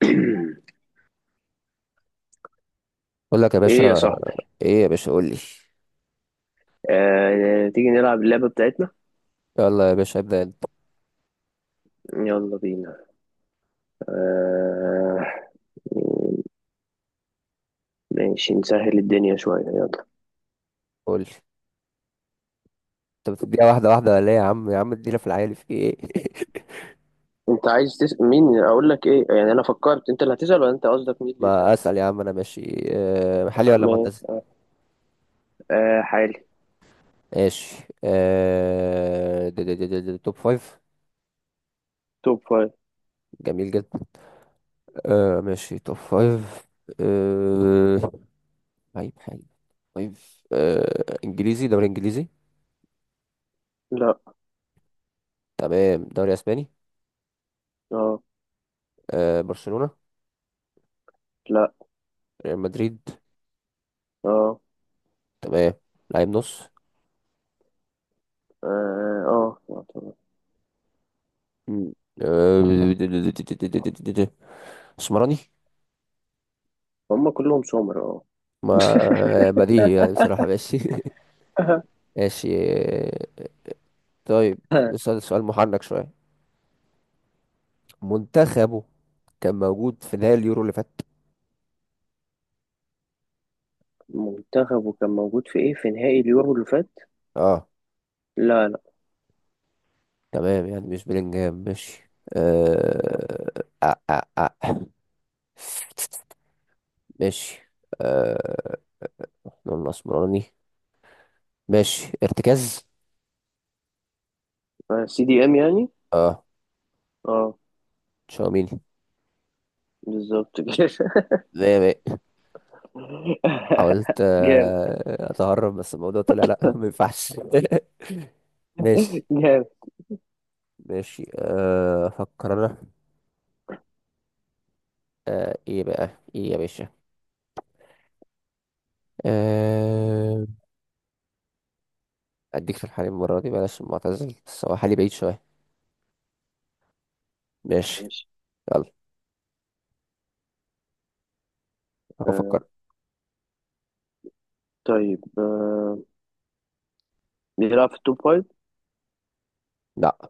اقول لك يا ايه يا باشا، صاحبي. ايه يا باشا قول لي. تيجي نلعب اللعبة بتاعتنا. يلا يا باشا ابدا انت. يلا بينا. آه، ماشي، نسهل الدنيا شوية، يلا. قول لي، انت بتديها واحده واحده ولا ايه؟ يا عم يا عم ادينا في العيال في ايه؟ انت عايز تسأل مين؟ اقول لك ايه يعني؟ انا فكرت انت اللي هتسأل، ولا انت قصدك مين اللي ما يسأل؟ اسال يا عم. انا ماشي. محلي ولا ما معتزل؟ آه، حالي. ماشي. ده توب فايف. توب فايف. جميل جدا. ماشي، توب فايف. آه، طيب حلو. فايف، انجليزي، دوري انجليزي؟ لا. تمام، دوري اسباني؟ اه. برشلونه؟ لا. ريال مدريد؟ اه. تمام. لعيب نص. اه. اه. طبعا. مم. آه، اسمراني. هم كلهم سمر، اه. ما بديهي يعني، بصراحة. ماشي ماشي. طيب، نسأل سؤال محنك شوية. منتخبه كان موجود في نهائي اليورو اللي فات؟ منتخبه كان موجود في ايه، في نهائي اليورو اللي فات؟ اه. لا، لا. تمام، يعني مش بلينجهام. ماشي. آه... آه... آه... آه. ماشي. آه... نقول اسمراني. ماشي، ارتكاز؟ CDM يعني. اه، اه. تشاوميني. بالظبط كده. زي ما حاولت جامد. اتهرب، بس الموضوع طلع لا ما ينفعش. ماشي. جامد. ماشي، افكر انا. ايه بقى، ايه يا باشا؟ أه... اديك في الحليب المرة دي، بلاش معتزل، بس هو حالي بعيد شوية. ماشي. ماشي. يلا، آه افكر. طيب. بيلعب في التوب فايف؟ لا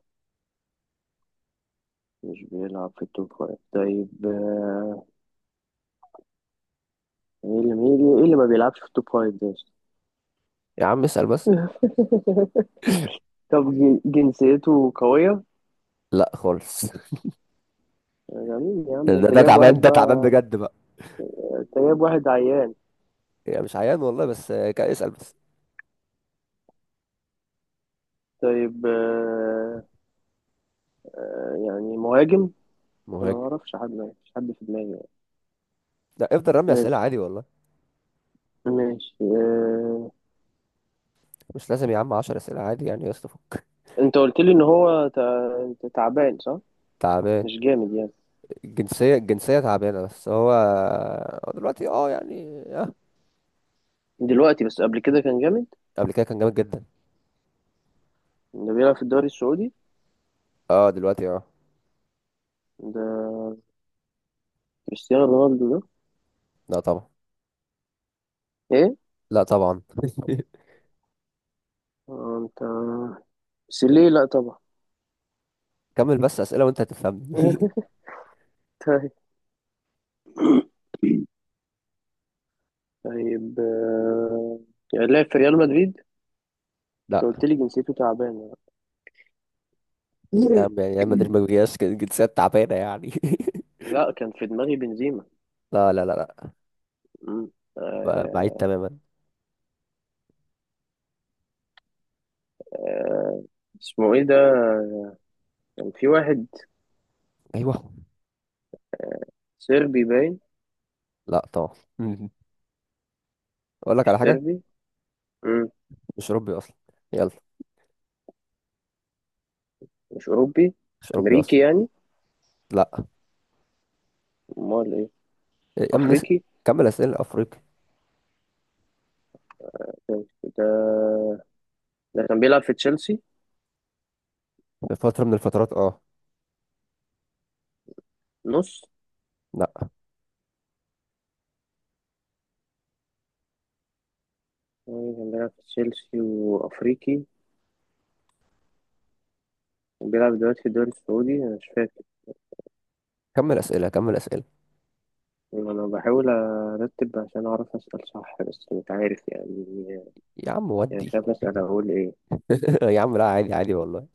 مش بيلعب في التوب فايف، طيب. ايه اللي ايه اللي ما بيلعبش في التوب فايف ده؟ يا عم اسأل بس. طب جنسيته قوية؟ لا خالص ده مين يا عم؟ ده انت ده جايب تعبان، واحد ده تعبان بقى. بجد بقى. انت جايب واحد عيان؟ يعني مش عيان والله، بس اسأل بس. طيب. يعني مهاجم. انا مهاجم. ما اعرفش حد، مفيش حد في دماغي يعني. لا افضل رمي اسئلة عادي ماشي. والله. ماشي. مش لازم يا عم 10 اسئلة، عادي يعني يا اسطى، فك. انت قلت لي ان هو انت تعبان، صح؟ تعبان. مش جامد يعني؟ الجنسية تعبانة، بس هو هو دلوقتي اه يعني اه. دلوقتي، بس قبل كده كان جامد؟ قبل كده كان جامد جدا. اللي بيلعب في الدوري السعودي اه، دلوقتي اه. ده كريستيانو رونالدو ده؟ لا طبعا، ايه؟ لا طبعا. انت سيليه؟ لا طبعا. كمل بس اسئله وانت هتفهمني طيب. طيب. كان لعب في ريال مدريد؟ انت لا قلت لي جنسيته تعبانه. يا عم، يعني ريال مدريد ما بيجيش جنسيات تعبانه يعني. لا، كان في دماغي بنزيما. لا لا لا لا، مم. بعيد آه، تماما. اسمه ايه ده؟ كان في واحد ايوه، صربي باين؟ لا طبعا. مم. اقول لك مش على حاجه، صربي؟ مم. مش اوروبي اصلا. يلا، مش اوروبي؟ مش اوروبي امريكي اصلا. يعني؟ لا امال ايه؟ يا عم نس... افريقي. كمل اسئله. افريقي. طيب، ده ده كان بيلعب في تشيلسي؟ في فتره من الفترات اه. نص؟ لا. مين كان بيلعب في تشيلسي وأفريقي وبيلعب دلوقتي في الدوري السعودي؟ أنا مش فاكر. كمل اسئله، أنا بحاول أرتب عشان أعرف أسأل صح، بس مش عارف يعني. يا عم يعني مش ودي. عارف أسأل أقول إيه. يا عم لا، عادي، عادي والله.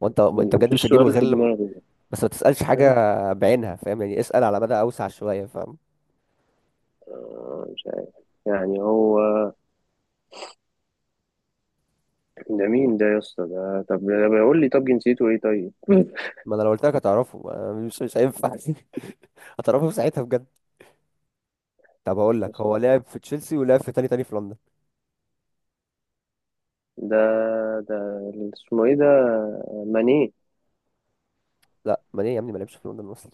وانت بجد مش مفيش هتجيبه سؤال غير في لما. دماغي. بس ما تسالش حاجه آه، بعينها، فاهم يعني؟ اسال على مدى اوسع شويه، فاهم؟ مش عارف. يعني هو ده مين ده يا اسطى؟ ده طب ده بيقول لي طب جنسيته إيه؟ طيب. ما انا لو قلت لك هتعرفه، أنا مش هينفع. هتعرفه في ساعتها بجد. طب هقول لك، مش هو عارف. لعب في تشيلسي، ولعب في تاني في لندن. ده ده اللي اسمه إيه ده؟ ماني؟ لا ما ليه يا ابني، ما لعبش في لندن اصلا.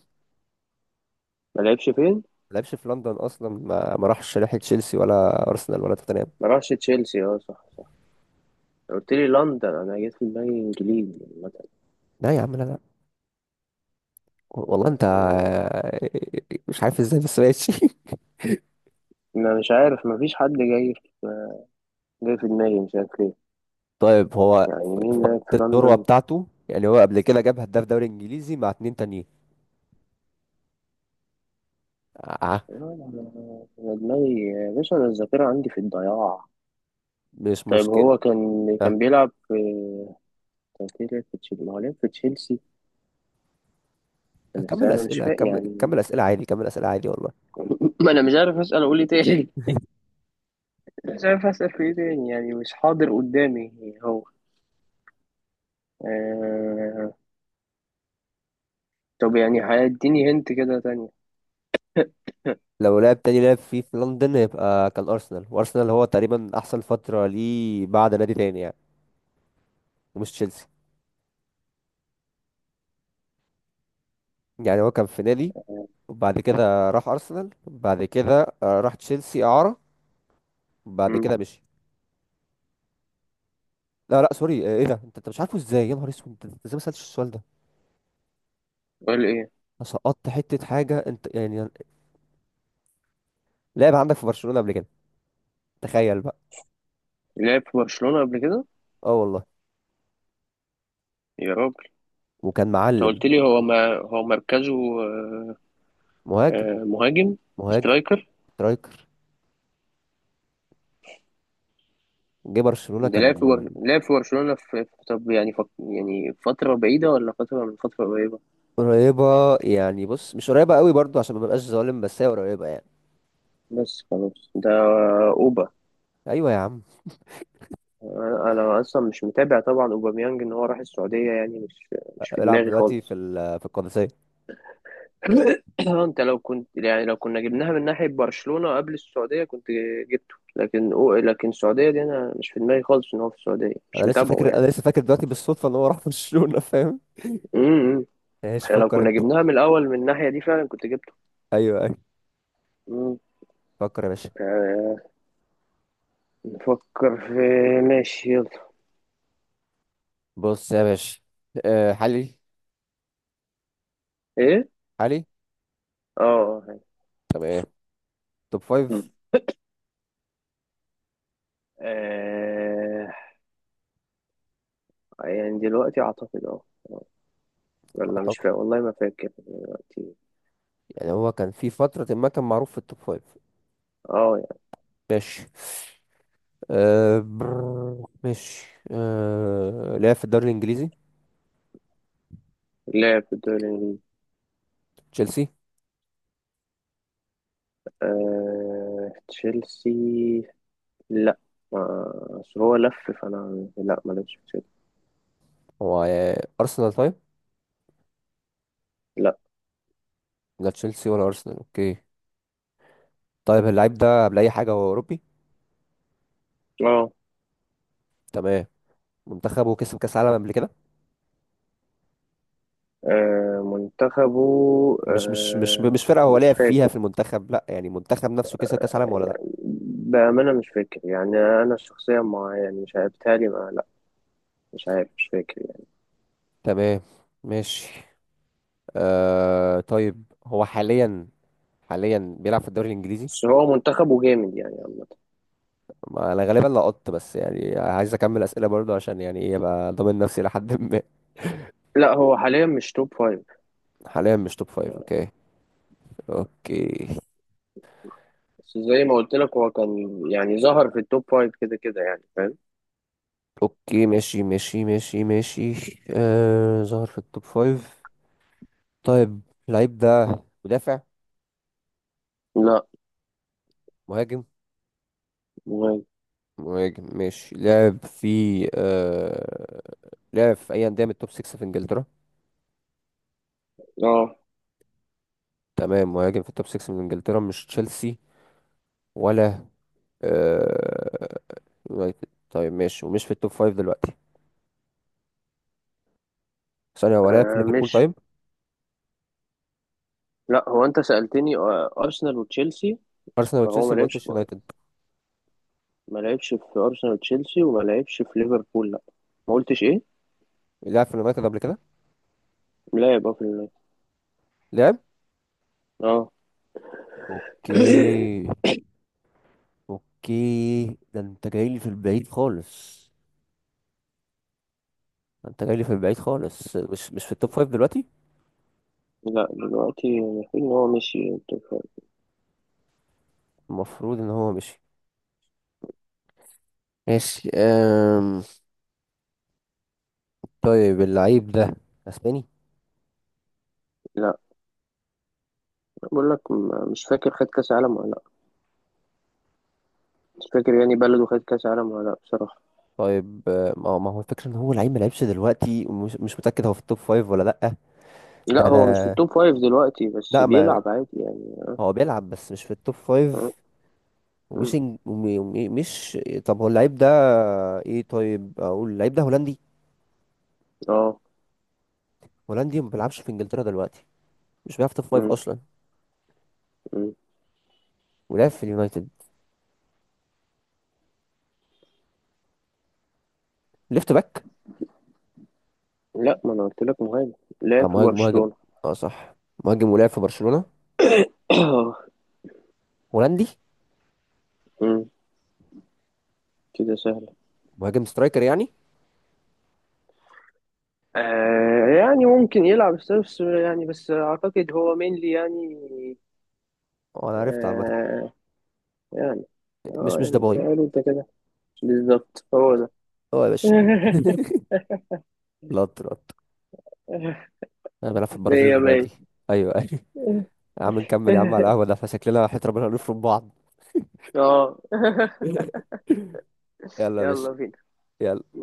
ما لعبش فين؟ ما لعبش في لندن اصلا. ما راحش ناحيه تشيلسي ولا ارسنال ولا توتنهام. ما راحش تشيلسي، أه صح صح. قلت لي لندن، أنا جيت في دماغي إنجليزي لا يا عم، لا لا والله. انت مثلا. مش عارف ازاي، بس ماشي أنا مش عارف، مفيش حد جاي في دماغي، مش عارف ليه. طيب، هو يعني في مين فترة لعب في الذروه لندن؟ بتاعته، يعني هو قبل كده جاب هداف دوري انجليزي مع اتنين تانيين. اه. أنا دماغي يا باشا، أنا الذاكرة عندي في الضياع. مش طيب، مشكله. هو كان اه. بيلعب في، كان في لعب في تشيلسي، ما هو لعب في تشيلسي. بس كمل أنا مش اسئله، فاهم كمل يعني. كمل اسئله عادي، كمل اسئله عادي والله. ما أنا مش عارف أسأل أقول إيه تاني. مش عارف أسأل في إيه تاني، يعني مش حاضر قدامي هو. آه... طب يعني هيديني هنت كده تانية. لو لعب تاني، لعب فيه في لندن، هيبقى كان أرسنال. وأرسنال هو تقريبا أحسن فترة ليه بعد نادي تاني يعني. ومش تشيلسي. يعني هو كان في نادي، وبعد كده راح أرسنال، بعد كده راح تشيلسي إعارة، بعد مم. كده مشي. لا لا، سوري. ايه ده، انت مش عارفه ازاي؟ يا نهار اسود، انت ازاي ما سألتش السؤال ده؟ قول إيه؟ أنا سقطت حتة حاجة، انت يعني، لعب عندك في برشلونة قبل كده. تخيل بقى. لعب في برشلونة قبل كده؟ اه والله، يا رب. وكان انت معلم. قلت لي هو ما هو مركزه. آه، مهاجم. مهاجم. مهاجم، سترايكر. سترايكر. جه برشلونة ده كان لعب في لعب في برشلونة، طب يعني يعني فترة بعيدة ولا فترة من فترة قريبة؟ قريبة يعني، بص، مش قريبة قوي برضو عشان ما ببقاش ظالم، بس هي قريبة يعني. بس خلاص، ده أوبا. ايوه يا عم. أنا أصلا مش متابع طبعا أوباميانج إن هو راح السعودية، يعني مش في بلعب دماغي دلوقتي في خالص. في القادسية. اه، انت لو كنت، يعني لو كنا جبناها من ناحية برشلونة قبل السعودية كنت جبته، لكن لكن السعودية دي انا مش في دماغي خالص ان هو في السعودية، مش متابعه يعني. انا لسه فاكر دلوقتي بالصدفة ان هو راح برشلونة، فاهم؟ امم ايش احنا لو فكر كنا انت. جبناها من الاول من الناحيه دي فعلا كنت جبته. ايوه ايوه. مم. فكر يا باشا. آه، نفكر في. ماشي، يلا. بص يا باشا، أه حالي، ايه. حالي؟ اه. طب ايه؟ توب فايف. مم. آه، يعني دلوقتي اعتقد، اه. آه. ولا مش اعتقد، فاكر والله، ما فاكر دلوقتي. يعني هو كان في فترة ما كان معروف في التوب فايف. اه. ماشي. أه برر، ماشي، لعب في الدوري الانجليزي؟ يعني لعب في الدوري الانجليزي. تشيلسي؟ تشيلسي؟ لا، اصل هو لف فانا، لا ما لعبش في تشيلسي. هو ارسنال؟ طيب، لا. لا تشيلسي ولا ارسنال، اوكي. طيب، اللعيب ده، قبل اي حاجه، هو اوروبي. اه. تمام. منتخبه كسب كاس عالم قبل كده؟ منتخبه. مش مش مش آه، مش فرقه هو مش لعب فيها فاكر. في المنتخب، لا، يعني منتخب نفسه كسب كاس عالم ولا لا. بأمانة مش فاكر، يعني أنا شخصيا ما، يعني مش عارف، بتهيألي ما، لا. مش عارف، مش فاكر يعني. تمام، ماشي. آه طيب، هو حاليا، حاليا بيلعب في الدوري الانجليزي. بس هو منتخبه جامد يعني عامة. ما انا غالبا لقطت، بس يعني عايز اكمل اسئله برضه، عشان يعني ايه، ابقى ضامن نفسي لحد ما. لا، هو حاليا مش توب فايف. حاليا مش توب فايف، اوكي. اوكي، بس زي ما قلت لك هو كان يعني ظهر في التوب فايف كده كده، يعني فاهم. اوكي، ماشي ماشي ماشي ماشي. آه، ظهر في التوب فايف. طيب اللعيب ده، مدافع؟ لا. مهاجم. مهم. مهاجم، ماشي، لعب في آه... لعب في اي انديه من التوب 6 في انجلترا؟ اه. تمام، مهاجم في التوب 6 من انجلترا، مش تشيلسي ولا آه... يونايتد. طيب ماشي، ومش في التوب 5 دلوقتي. ثانيه، هو لعب في ليفربول؟ مش طيب، لا، هو أنت سألتني أرسنال وتشيلسي. ارسنال فهو ما وتشيلسي، ما لعبش قلتش في، يونايتد. ما لعبش في أرسنال وتشيلسي وما لعبش في ليفربول، لا. ما قلتش إيه؟ لعب في اليونايتد قبل كده؟ لا، يبقى لعب. اه. اوكي، اوكي. ده انت جاي لي في البعيد خالص. ده انت جاي لي في البعيد خالص، مش في التوب 5 دلوقتي. لا، دلوقتي المفروض إن هو مشي التوب فايف. المفروض ان هو مشي. ماشي. طيب اللعيب ده، اسباني؟ لا. بقول لك مش فاكر، خد كاس عالم ولا لا. مش فاكر يعني بلده خد كاس عالم ولا لا بصراحة. طيب ما هو الفكره ان هو لعيب ما لعبش دلوقتي، ومش مش متاكد هو في التوب فايف ولا لا. لا، ده هو مش في ده التوب فايف دلوقتي بس لا ما بيلعب عادي يعني. هو بيلعب، بس مش في التوب اه. فايف. ومش مم. إنج- وم- وم- مش طب هو اللعيب ده ايه؟ طيب، اقول اللعيب ده هولندي. آه. هولندي، وما بيلعبش في انجلترا دلوقتي، مش بيلعب في التوب فايف مم. اصلا، مم. ولعب في اليونايتد، ليفت باك. لا، ما انا قلت لك مهاجم، اه لعب في مهاجم، مهاجم. برشلونة. اه صح، مهاجم، ولعب في برشلونه، هولندي، مم. كده سهلة. مهاجم، سترايكر يعني. آه يعني ممكن يلعب، بس يعني بس اعتقد هو مينلي يعني. اه انا عرفت، عامه، آه يعني، مش اه يعني دباي. تعالوا انت كده. بالظبط هو ده. اه يا باشا لط لط. انا بلعب في البرازيل مية دلوقتي. مية. ايوه ايوه. يا عم نكمل يا عم على القهوه، ده فشكلنا وحياة ربنا هنفرم بعض. اه. يلا يا باشا، يلا بينا. يلا.